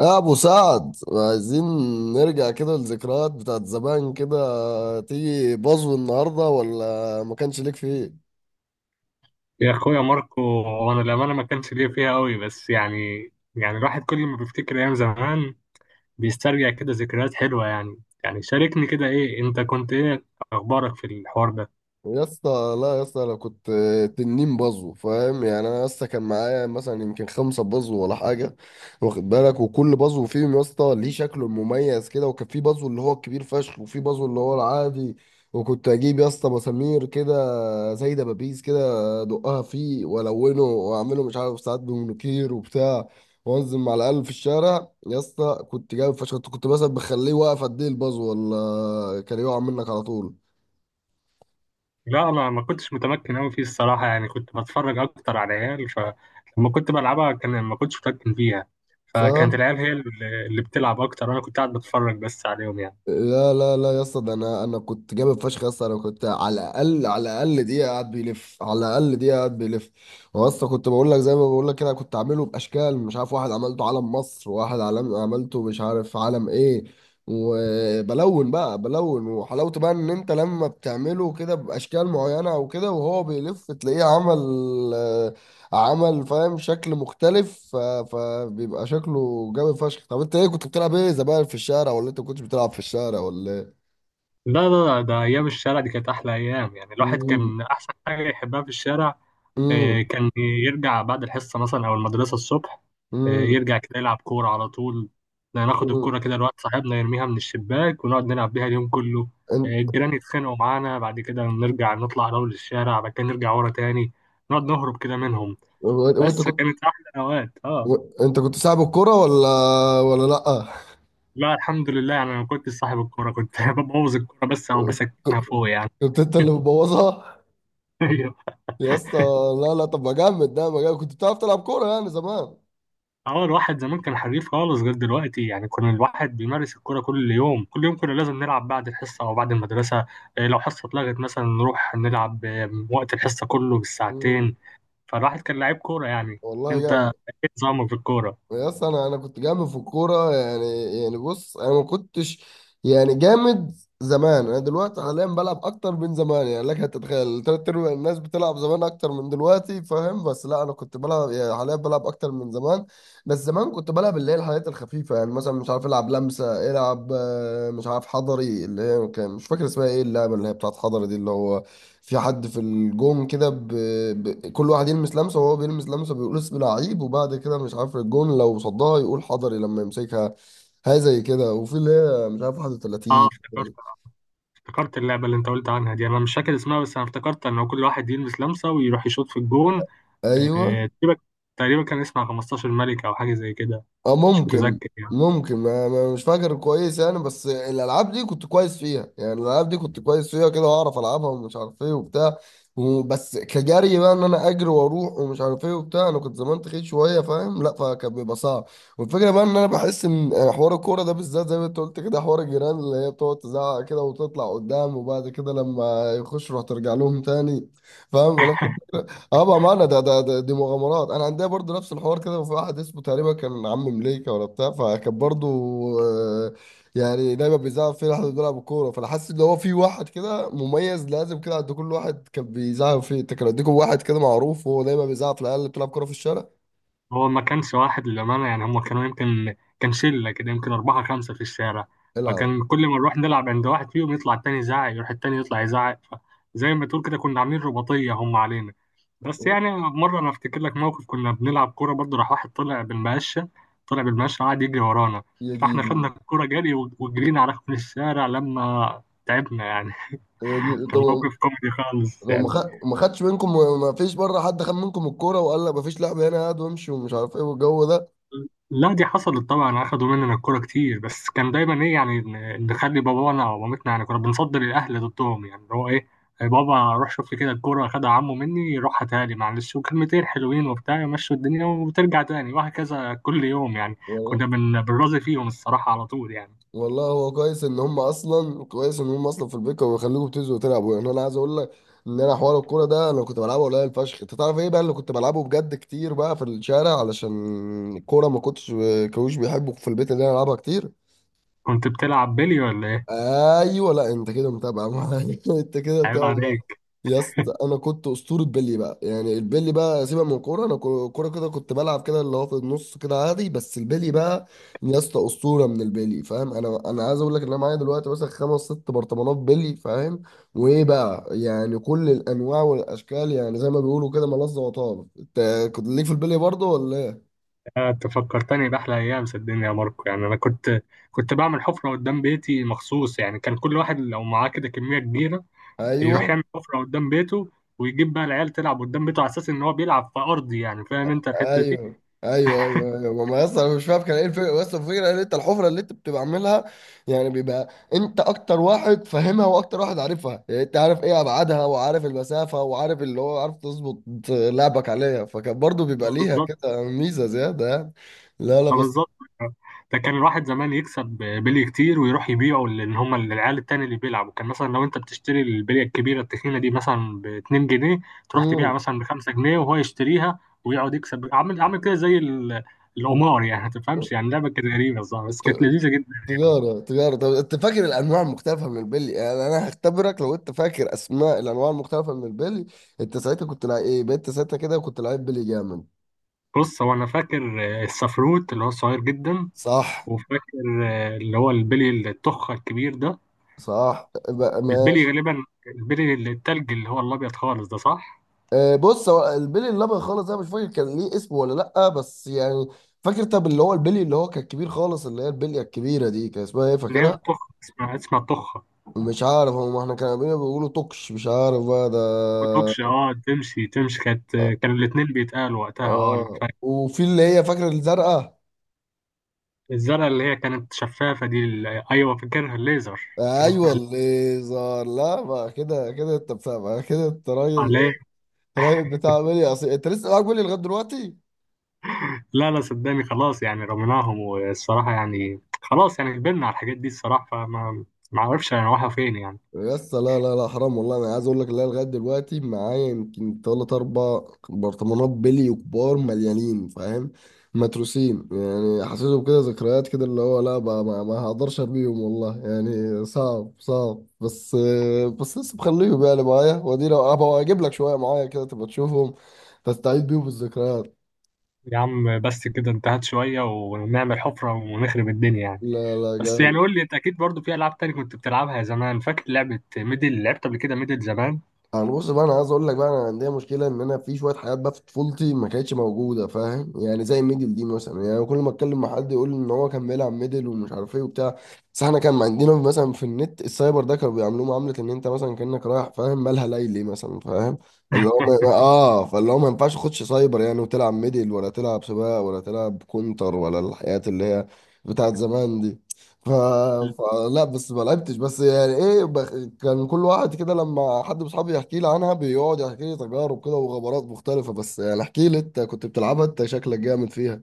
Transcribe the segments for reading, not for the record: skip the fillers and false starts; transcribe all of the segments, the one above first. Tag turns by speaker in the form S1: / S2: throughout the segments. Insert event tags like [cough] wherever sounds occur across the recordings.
S1: يا ابو سعد، عايزين نرجع كده للذكريات بتاعت زمان. كده تيجي بازو النهارده ولا ما كانش ليك فيه؟
S2: يا اخويا ماركو، وانا الامانه ما كانش ليا فيها قوي، بس يعني الواحد كل ما بيفتكر ايام زمان بيسترجع كده ذكريات حلوه. يعني شاركني كده، ايه انت كنت ايه اخبارك في الحوار ده؟
S1: يا اسطى، لا يا اسطى، انا كنت 2 بازو، فاهم؟ يعني انا يا اسطى كان معايا مثلا يمكن 5 بازو ولا حاجه. واخد بالك، وكل بازو فيهم يا اسطى ليه شكله المميز كده، وكان في بازو اللي هو الكبير فشخ وفي بازو اللي هو العادي. وكنت اجيب يا اسطى مسامير كده زي دبابيس كده، ادقها فيه، والونه، واعمله مش عارف ساعات بمونوكير وبتاع. وانزل مع العيال في الشارع، يا اسطى كنت جايب فشخ، كنت مثلا بخليه واقف قد ايه البازو ولا كان يقع منك على طول؟
S2: لا، انا ما كنتش متمكن قوي فيه الصراحه، يعني كنت بتفرج اكتر على العيال، فلما كنت بلعبها كان ما كنتش متمكن فيها.
S1: صح؟
S2: فكانت العيال هي اللي بتلعب اكتر، وانا كنت قاعد بتفرج بس عليهم يعني.
S1: لا، لا، لا، يا اسطى، ده انا كنت جامد فشخ. يا اسطى انا كنت على الاقل على الاقل دقيقه قاعد بيلف، على الاقل دقيقه قاعد بيلف. هو يا اسطى، كنت بقول لك زي ما بقول لك كده، كنت عامله باشكال، مش عارف، واحد عملته علم مصر، وواحد علم عملته مش عارف علم ايه. وبلون بقى، بلون، وحلاوته بقى ان انت لما بتعمله كده باشكال معينه وكده، وهو بيلف تلاقيه عمل فاهم شكل مختلف فبيبقى شكله جامد فشخ. طب انت ايه كنت بتلعب ايه زمان في الشارع، ولا انت ما كنتش بتلعب في الشارع ولا ايه؟
S2: لا لا لا، ده ايام الشارع دي كانت احلى ايام. يعني الواحد
S1: امم.
S2: كان احسن حاجه يحبها في الشارع.
S1: امم.
S2: كان يرجع بعد الحصة مثلا أو المدرسة الصبح.
S1: امم.
S2: يرجع كده يلعب كورة على طول. ناخد
S1: امم.
S2: الكورة كده لواحد صاحبنا، يرميها من الشباك ونقعد نلعب بيها اليوم كله.
S1: انت
S2: الجيران يتخانقوا معانا، بعد كده نرجع نطلع نروح للشارع، بعد كده نرجع ورا تاني، نقعد نهرب كده منهم.
S1: وانت
S2: بس
S1: كنت
S2: كانت أحلى أوقات
S1: و... انت كنت صاحب الكرة ولا لا؟
S2: لا، الحمد لله، يعني أنا ما كنتش صاحب الكورة، كنت [laughs] ببوظ الكورة بس أو بسكنها
S1: ك-
S2: فوق يعني.
S1: كنت انت اللي مبوظها؟
S2: [laughs] أيوه.
S1: يا اسطى، لا، لا، طب ما جامد، ده ما جامد، كنت بتعرف تلعب كورة يعني زمان.
S2: اه الواحد زمان كان حريف خالص غير دلوقتي، يعني كان الواحد بيمارس الكرة كل يوم كل يوم، كنا لازم نلعب بعد الحصة أو بعد المدرسة. إيه لو حصة اتلغت مثلا نروح نلعب، وقت الحصة كله
S1: امم.
S2: بالساعتين. فالواحد كان لعيب كورة يعني.
S1: والله
S2: انت
S1: جامد.
S2: ايه نظامك في الكورة؟
S1: يا اسطى، انا كنت جامد في الكوره يعني. يعني بص انا ما كنتش. يعني جامد. زمان، انا دلوقتي حاليا بلعب اكتر من زمان، يعني لك هتتخيل تلات ارباع الناس بتلعب زمان اكتر من دلوقتي، فاهم؟ بس لا، انا كنت بلعب يعني، حاليا بلعب اكتر من زمان. بس زمان كنت بلعب اللي هي الحاجات الخفيفه، يعني مثلا مش عارف العب لمسه، العب مش عارف حضري، اللي هي كان مش فاكر اسمها ايه اللعبه اللي هي بتاعت حضري دي، اللي هو في حد في الجون كده كل واحد يلمس لمسه، وهو بيلمس لمسه بيقول اسم لعيب، وبعد كده مش عارف، الجون لو صدها يقول حضري لما يمسكها. هاي زي كده، وفي اللي هي مش عارف
S2: اه
S1: 31.
S2: افتكرت. افتكرت اللعبة اللي انت قلت عنها دي، انا مش فاكر اسمها، بس انا افتكرت ان هو كل واحد يلمس لمسة ويروح يشوط في الجون.
S1: ايوه.
S2: تقريبا. تقريبا كان اسمها 15 ملك او حاجة زي كده.
S1: اه،
S2: مش
S1: ممكن.
S2: متذكر يعني.
S1: ممكن، مش فاكر كويس يعني، بس الالعاب دي كنت كويس فيها يعني، الالعاب دي كنت كويس فيها كده، واعرف العبها، ومش عارف ايه وبتاع. وبس كجري بقى، ان انا اجري واروح ومش عارف ايه وبتاع، انا كنت زمان تخيل شويه فاهم، لا فكان بيبقى صعب. والفكره بقى ان انا بحس ان حوار الكوره ده بالذات زي ما انت قلت كده، حوار الجيران اللي هي بتقعد تزعق كده وتطلع قدام، وبعد كده لما يخش روح ترجع لهم تاني. فاهم. اه بامانه، ده, ده ده دي مغامرات. انا عندي برضو نفس الحوار كده، وفي واحد اسمه تقريبا كان عم مليكه ولا بتاع، فكان برضو آه، يعني دايما بيزعق فيه لحد بيلعب الكوره. فانا حاسس ان هو في واحد كده مميز لازم كده عند كل واحد كان بيزعق فيه. انت كان عندكم واحد كده معروف وهو دايما بيزعق في العيال اللي بتلعب كوره في الشارع؟
S2: هو ما كانش واحد للأمانة، يعني هم كانوا يمكن كان شلة كده، يمكن أربعة خمسة في الشارع.
S1: العب.
S2: فكان كل ما نروح نلعب عند واحد فيهم يطلع التاني يزعق، يروح التاني يطلع يزعق. فزي ما تقول كده كنا عاملين رباطية هم علينا. بس يعني مرة أنا أفتكر لك موقف، كنا بنلعب كورة برضه، راح واحد طلع بالمقشة، طلع بالمقشة قعد يجري ورانا.
S1: يا
S2: فإحنا خدنا
S1: ديني.
S2: الكورة جري، وجرينا على ركن الشارع لما تعبنا يعني.
S1: يا
S2: [laughs]
S1: ديني،
S2: كان
S1: طب
S2: موقف كوميدي خالص
S1: لو
S2: يعني.
S1: ما خدش منكم، ما فيش بره حد خد منكم الكوره وقال لك ما فيش لعب هنا، هات وامشي ومش عارف ايه والجو ده؟
S2: لا، دي حصلت طبعا، اخدوا مننا الكوره كتير، بس كان دايما ايه يعني، نخلي بابانا او مامتنا يعني، كنا بنفضل الاهل ضدهم، يعني اللي هو ايه، يا بابا روح شوف لي كده الكوره اخدها عمو مني، روح هاتها لي معلش، وكلمتين حلوين وبتاع يمشوا الدنيا، وترجع تاني، وهكذا كل يوم يعني. كنا بنراضي فيهم الصراحه على طول يعني.
S1: والله هو كويس ان هم اصلا في البيت كانوا بيخليكم بتنزلوا تلعبوا، يعني انا عايز اقول لك ان انا حوار الكوره ده انا كنت بلعبه قليل فشخ. انت تعرف ايه بقى اللي كنت بلعبه بجد كتير بقى في الشارع؟ علشان الكوره ما كنتش كانوش بيحبوا في البيت ان انا العبها كتير.
S2: كنت بتلعب بيلي ولا ايه؟
S1: ايوه، لا انت كده متابع معايا [laughs] انت كده
S2: عيب
S1: متابع معايا.
S2: عليك.
S1: يا اسطى، انا كنت اسطوره بيلي بقى. يعني البيلي بقى، سيبك من الكوره، انا كوره كده كنت بلعب كده اللي هو في النص كده عادي، بس البيلي بقى. يا اسطى، اسطوره من البيلي فاهم؟ انا عايز اقول لك ان انا معايا دلوقتي مثلا 5 6 برطمانات بيلي، فاهم؟ وايه بقى، يعني كل الانواع والاشكال، يعني زي ما بيقولوا كده، ملظه وطاب. انت كنت ليك في البيلي برضه ولا إيه؟
S2: انت فكرتني باحلى ايام، صدقني يا ماركو، يعني انا كنت بعمل حفره قدام بيتي مخصوص، يعني كان كل واحد لو معاه كده كميه كبيره يروح
S1: ايوه،
S2: يعمل حفرة قدام بيته، ويجيب بقى العيال تلعب قدام بيته على اساس ان هو بيلعب في ارضي يعني، فاهم انت الحتة دي.
S1: ايوه، ايوه، ايوه، ايوه. ما اصلا انا مش فاهم كان ايه الفكره، بس الفكره ان انت الحفره اللي انت بتبقى عاملها، يعني بيبقى انت اكتر واحد فاهمها واكتر واحد عارفها، يعني انت عارف ايه ابعادها، وعارف المسافه، وعارف اللي هو عارف تظبط لعبك عليها. فكان برضو بيبقى ليها
S2: بالظبط.
S1: كده ميزه زياده يعني. لا، لا، بس.
S2: بالظبط. ده كان الواحد زمان يكسب بلي كتير ويروح يبيعه، لان هم العيال التاني اللي بيلعبوا كان مثلا لو انت بتشتري البلية الكبيرة التخينة دي مثلا ب 2 جنيه، تروح تبيعها
S1: مم.
S2: مثلا ب 5 جنيه، وهو يشتريها ويقعد يكسب، عامل كده زي القمار يعني، ما تفهمش يعني، لعبة كانت غريبة صح، بس كانت
S1: ت-
S2: لذيذة جدا يعني.
S1: تجارة، تجارة. طب انت فاكر الانواع المختلفة من البلي؟ يعني انا هختبرك لو انت فاكر اسماء الانواع المختلفة من البلي. انت ساعتها كده كنت لعيب بلي جامد.
S2: بص، هو انا فاكر السفروت اللي هو صغير جدا،
S1: صح.
S2: وفاكر اللي هو البلي التخة الكبير ده.
S1: صح بقى،
S2: البلي
S1: ماشي.
S2: غالبا البلي اللي التلج اللي هو الأبيض خالص ده، صح؟
S1: آه، بص هو البلي الابيض خالص، انا مش فاكر كان ليه اسم ولا لا، بس يعني فاكر. طب اللي هو البلي اللي هو كان كبير خالص، اللي هي البليه الكبيره دي كان اسمها ايه،
S2: اللي هي
S1: فاكرها؟
S2: التخة، اسمها التخة.
S1: مش عارف، هم احنا كانوا بينا بيقولوا توكش، مش عارف بقى ده.
S2: وتوكش، تمشي كانت، كانوا الاتنين بيتقالوا وقتها، أنا
S1: اه،
S2: فاكر.
S1: وفي اللي هي، فاكره الزرقاء.
S2: الزرقاء اللي هي كانت شفافة دي ال-، أيوه فاكرها، الليزر، كان اسمها
S1: ايوه،
S2: الليزر
S1: الليزر. لا بقى كده كده، انت بتاع بقى كده، انت راجل
S2: عليه.
S1: ايه، راجل بتاع بلي اصيل. انت لسه معاك بلي لغايه دلوقتي؟
S2: لا لا، صدقني خلاص يعني، رميناهم، والصراحة يعني خلاص يعني كبرنا على الحاجات دي الصراحة، فما ما أعرفش أنا رايحة فين يعني.
S1: بس لا، لا، لا، حرام والله. انا عايز اقول لك، لا لغايه دلوقتي معايا يمكن 3 4 برطمانات بلي كبار مليانين، فاهم؟ متروسين يعني. حسيته كده ذكريات كده، اللي هو لا بقى، ما هقدرش ارميهم والله، يعني صعب صعب، بس بس لسه مخليهم يعني معايا، وادي لو هبقى اجيب لك شويه معايا كده تبقى تشوفهم، تستعيد بيهم الذكريات.
S2: يا عم بس كده انتهت شوية، ونعمل حفرة ونخرب الدنيا يعني.
S1: لا، لا،
S2: بس يعني
S1: جامد.
S2: قول لي، انت اكيد برضو في العاب تاني كنت بتلعبها زمان، فاكر لعبه ميدل؟ لعبت قبل كده ميدل زمان؟
S1: انا بص بقى، انا عايز اقول لك بقى، انا عندي مشكله ان انا في شويه حاجات بقى في طفولتي ما كانتش موجوده، فاهم؟ يعني زي الميدل دي مثلا، يعني كل ما اتكلم مع حد يقول ان هو كان بيلعب ميدل ومش عارف ايه وبتاع. بس احنا كان عندنا مثلا في النت السايبر ده، كانوا بيعاملوه معامله ان انت مثلا كانك رايح، فاهم، مالها ليلي مثلا، فاهم؟ اللي هو فاللي هو ما ينفعش تخش سايبر يعني، وتلعب ميدل، ولا تلعب سباق، ولا تلعب كونتر، ولا الحاجات اللي هي بتاعت زمان دي ف... فلا بس ما لعبتش، بس يعني ايه كان كل واحد كده لما حد من اصحابي يحكي لي عنها بيقعد يحكي لي تجارب كده وغبرات مختلفة. بس يعني احكي لي، انت كنت بتلعبها انت، شكلك جامد فيها.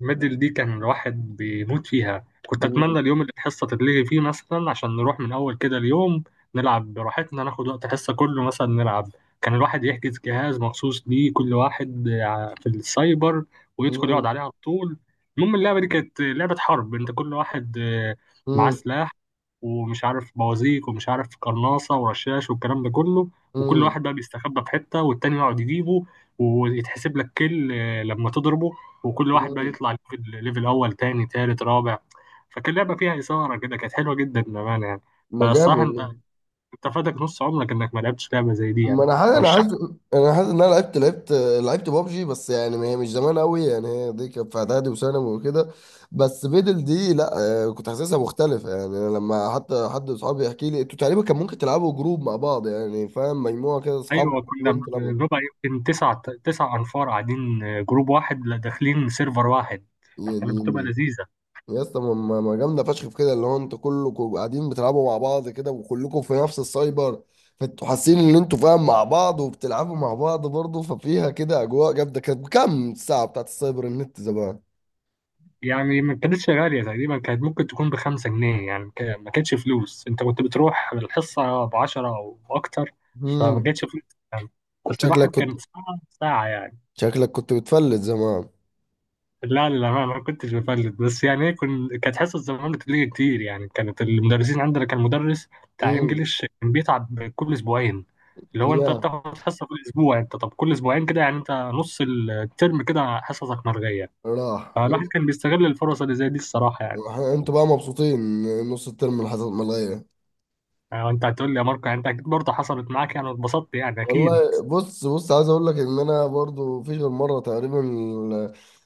S2: الميدل دي كان الواحد بيموت فيها، كنت
S1: امم.
S2: اتمنى اليوم اللي الحصه تتلغي فيه مثلا عشان نروح من اول كده اليوم، نلعب براحتنا، ناخد وقت الحصه كله مثلا نلعب. كان الواحد يحجز جهاز مخصوص ليه كل واحد في السايبر، ويدخل يقعد
S1: امم.
S2: عليه على طول. المهم اللعبه دي كانت لعبه حرب، انت كل واحد معاه
S1: امم.
S2: سلاح، ومش عارف بوازيك ومش عارف قرناصه ورشاش والكلام ده كله، وكل
S1: امم.
S2: واحد بقى بيستخبى في حته والتاني يقعد يجيبه، ويتحسب لك كل لما تضربه، وكل واحد بقى يطلع ليفل اول تاني تالت رابع. فكان لعبه فيها اثاره كده، كانت حلوه جدا بامانه يعني.
S1: ما جامد.
S2: فالصراحه انت فاتك نص عمرك انك ما لعبتش لعبه زي دي يعني.
S1: ما
S2: برشح.
S1: انا حاسس ان انا لعبت بابجي. بس يعني ما هي مش زمان قوي يعني، هي دي كانت في اعدادي وثانوي وكده. بس بيدل دي لا. آه، كنت حاسسها مختلفه يعني. أنا لما حتى حد من اصحابي يحكي لي، انتوا تقريبا كان ممكن تلعبوا جروب مع بعض يعني، فاهم، مجموعه كده
S2: ايوه،
S1: اصحابك
S2: كنا
S1: كلهم تلعبوا؟
S2: بنبقى يمكن تسع انفار قاعدين جروب واحد، لا داخلين سيرفر واحد، كانت بتبقى
S1: يعني
S2: لذيذه.
S1: يا اسطى، ما جامده فشخ في كده، اللي هو انتوا كلكم قاعدين بتلعبوا مع بعض كده، وكلكم في نفس السايبر، فانتوا حاسين ان انتوا فاهم مع بعض، وبتلعبوا مع بعض برضه. ففيها كده اجواء جامده. كانت كام الساعه بتاعت السايبر النت زمان؟
S2: يعني ما كانتش غاليه، تقريبا كانت ممكن تكون بخمسة جنيه يعني، ما كانتش فلوس، انت كنت بتروح الحصه بعشرة او اكتر، فما
S1: امم.
S2: كانتش فلوس يعني. بس
S1: شكلك
S2: الواحد
S1: كنت
S2: كانت ساعه ساعه يعني.
S1: شكلك كنت بتفلت زمان؟
S2: لا، للأمانة ما كنتش بفلت، بس يعني ايه، كنت، كانت حصة زمان بتليجي كتير يعني، كانت المدرسين عندنا كان مدرس بتاع
S1: امم.
S2: انجليش كان بيتعب كل اسبوعين، اللي هو انت
S1: يا
S2: بتاخد حصة كل اسبوع، انت طب كل اسبوعين كده يعني انت نص الترم كده حصصك مرغية.
S1: راح
S2: فالواحد
S1: وإنت-
S2: كان بيستغل الفرص اللي زي دي الصراحة يعني.
S1: وإحنا- انتوا بقى مبسوطين إن نص الترم الحصل ملغيه؟
S2: يعني انت هتقول لي يا ماركو، يعني انت اكيد برضه حصلت معاك يعني واتبسطت يعني اكيد.
S1: والله بص، بص عايز اقول لك ان انا برضو في غير مره تقريبا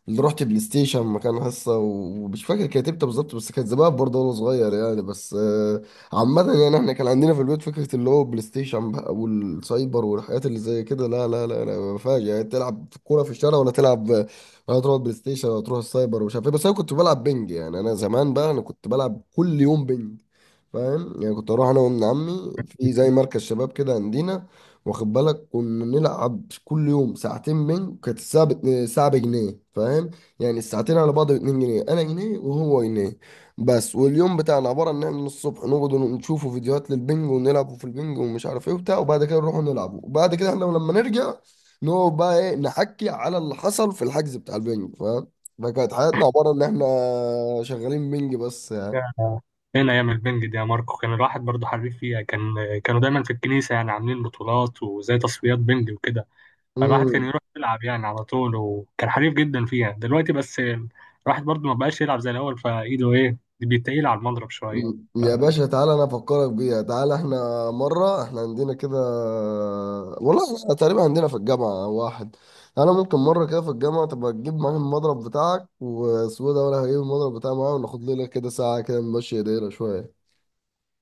S1: اللي رحت بلاي ستيشن مكان حصه، ومش فاكر كانت امتى بالظبط بس كانت زمان برضو، وانا صغير يعني، بس عامه يعني، احنا كان عندنا في البيت فكره اللي هو بلاي ستيشن بقى والسايبر والحاجات اللي زي كده، لا، لا، لا، لا، ما فيهاش يعني تلعب كوره في الشارع، ولا تلعب، ولا تروح بلاي ستيشن، ولا تروح السايبر، ومش عارف ايه. بس انا كنت بلعب بنج، يعني انا زمان بقى، انا كنت بلعب كل يوم بنج، فاهم؟ يعني كنت اروح انا وابن عمي في زي مركز شباب كده عندنا، واخد بالك، كنا نلعب كل يوم ساعتين بينج. كانت الساعه الساعه بجنيه، فاهم؟ يعني الساعتين على بعض ب 2 جنيه، انا جنيه وهو جنيه. بس واليوم بتاعنا عباره ان احنا من الصبح نقعد نشوفوا فيديوهات للبنج ونلعبوا في البنج ومش عارف ايه وبتاع، وبعد كده نروحوا نلعبوا، وبعد كده احنا لما نرجع نقعد بقى ايه نحكي على اللي حصل في الحجز بتاع البنج، فاهم؟ فكانت حياتنا عباره ان احنا شغالين بنج بس.
S2: هنا ايام البنج دي يا ماركو كان الواحد برضه حريف فيها، كان كانوا دايما في الكنيسة يعني عاملين بطولات وزي تصفيات بنج وكده. فالواحد كان
S1: يعني.
S2: يروح يلعب يعني على طول، وكان حريف جدا فيها دلوقتي، بس الواحد برضه ما بقاش يلعب زي الأول، فإيده إيه بيتقيل على المضرب شوية.
S1: يا باشا تعالى انا افكرك بيها. تعالى احنا مره، احنا عندنا كده. والله احنا تقريبا عندنا في الجامعه واحد. انا ممكن مره كده في الجامعه تبقى تجيب معاك المضرب بتاعك وسوى ده، ولا هجيب المضرب بتاعي معايا، وناخد لنا كده ساعه كده نمشي ايدينا شويه.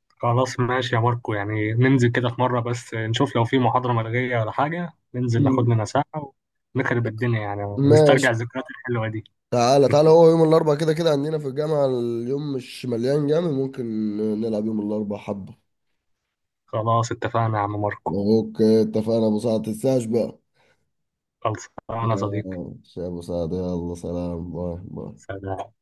S2: خلاص ماشي يا ماركو، يعني ننزل كده في مرة بس، نشوف لو في محاضرة ملغية ولا حاجة، ننزل ناخد
S1: مم.
S2: لنا ساعة ونخرب الدنيا، يعني
S1: ماشي.
S2: نسترجع الذكريات الحلوة دي.
S1: تعالى،
S2: [laughs]
S1: تعالى، هو يوم الاربعاء كده كده عندنا في الجامعه اليوم مش مليان جامد، ممكن نلعب يوم الاربعاء حبه.
S2: خلاص اتفقنا يا عم ماركو.
S1: اوكي، اتفقنا ابو سعد، تنساش بقى.
S2: خلص أنا صديقي.
S1: ماشي يا ابو سعد، يلا سلام، باي باي.
S2: سلام.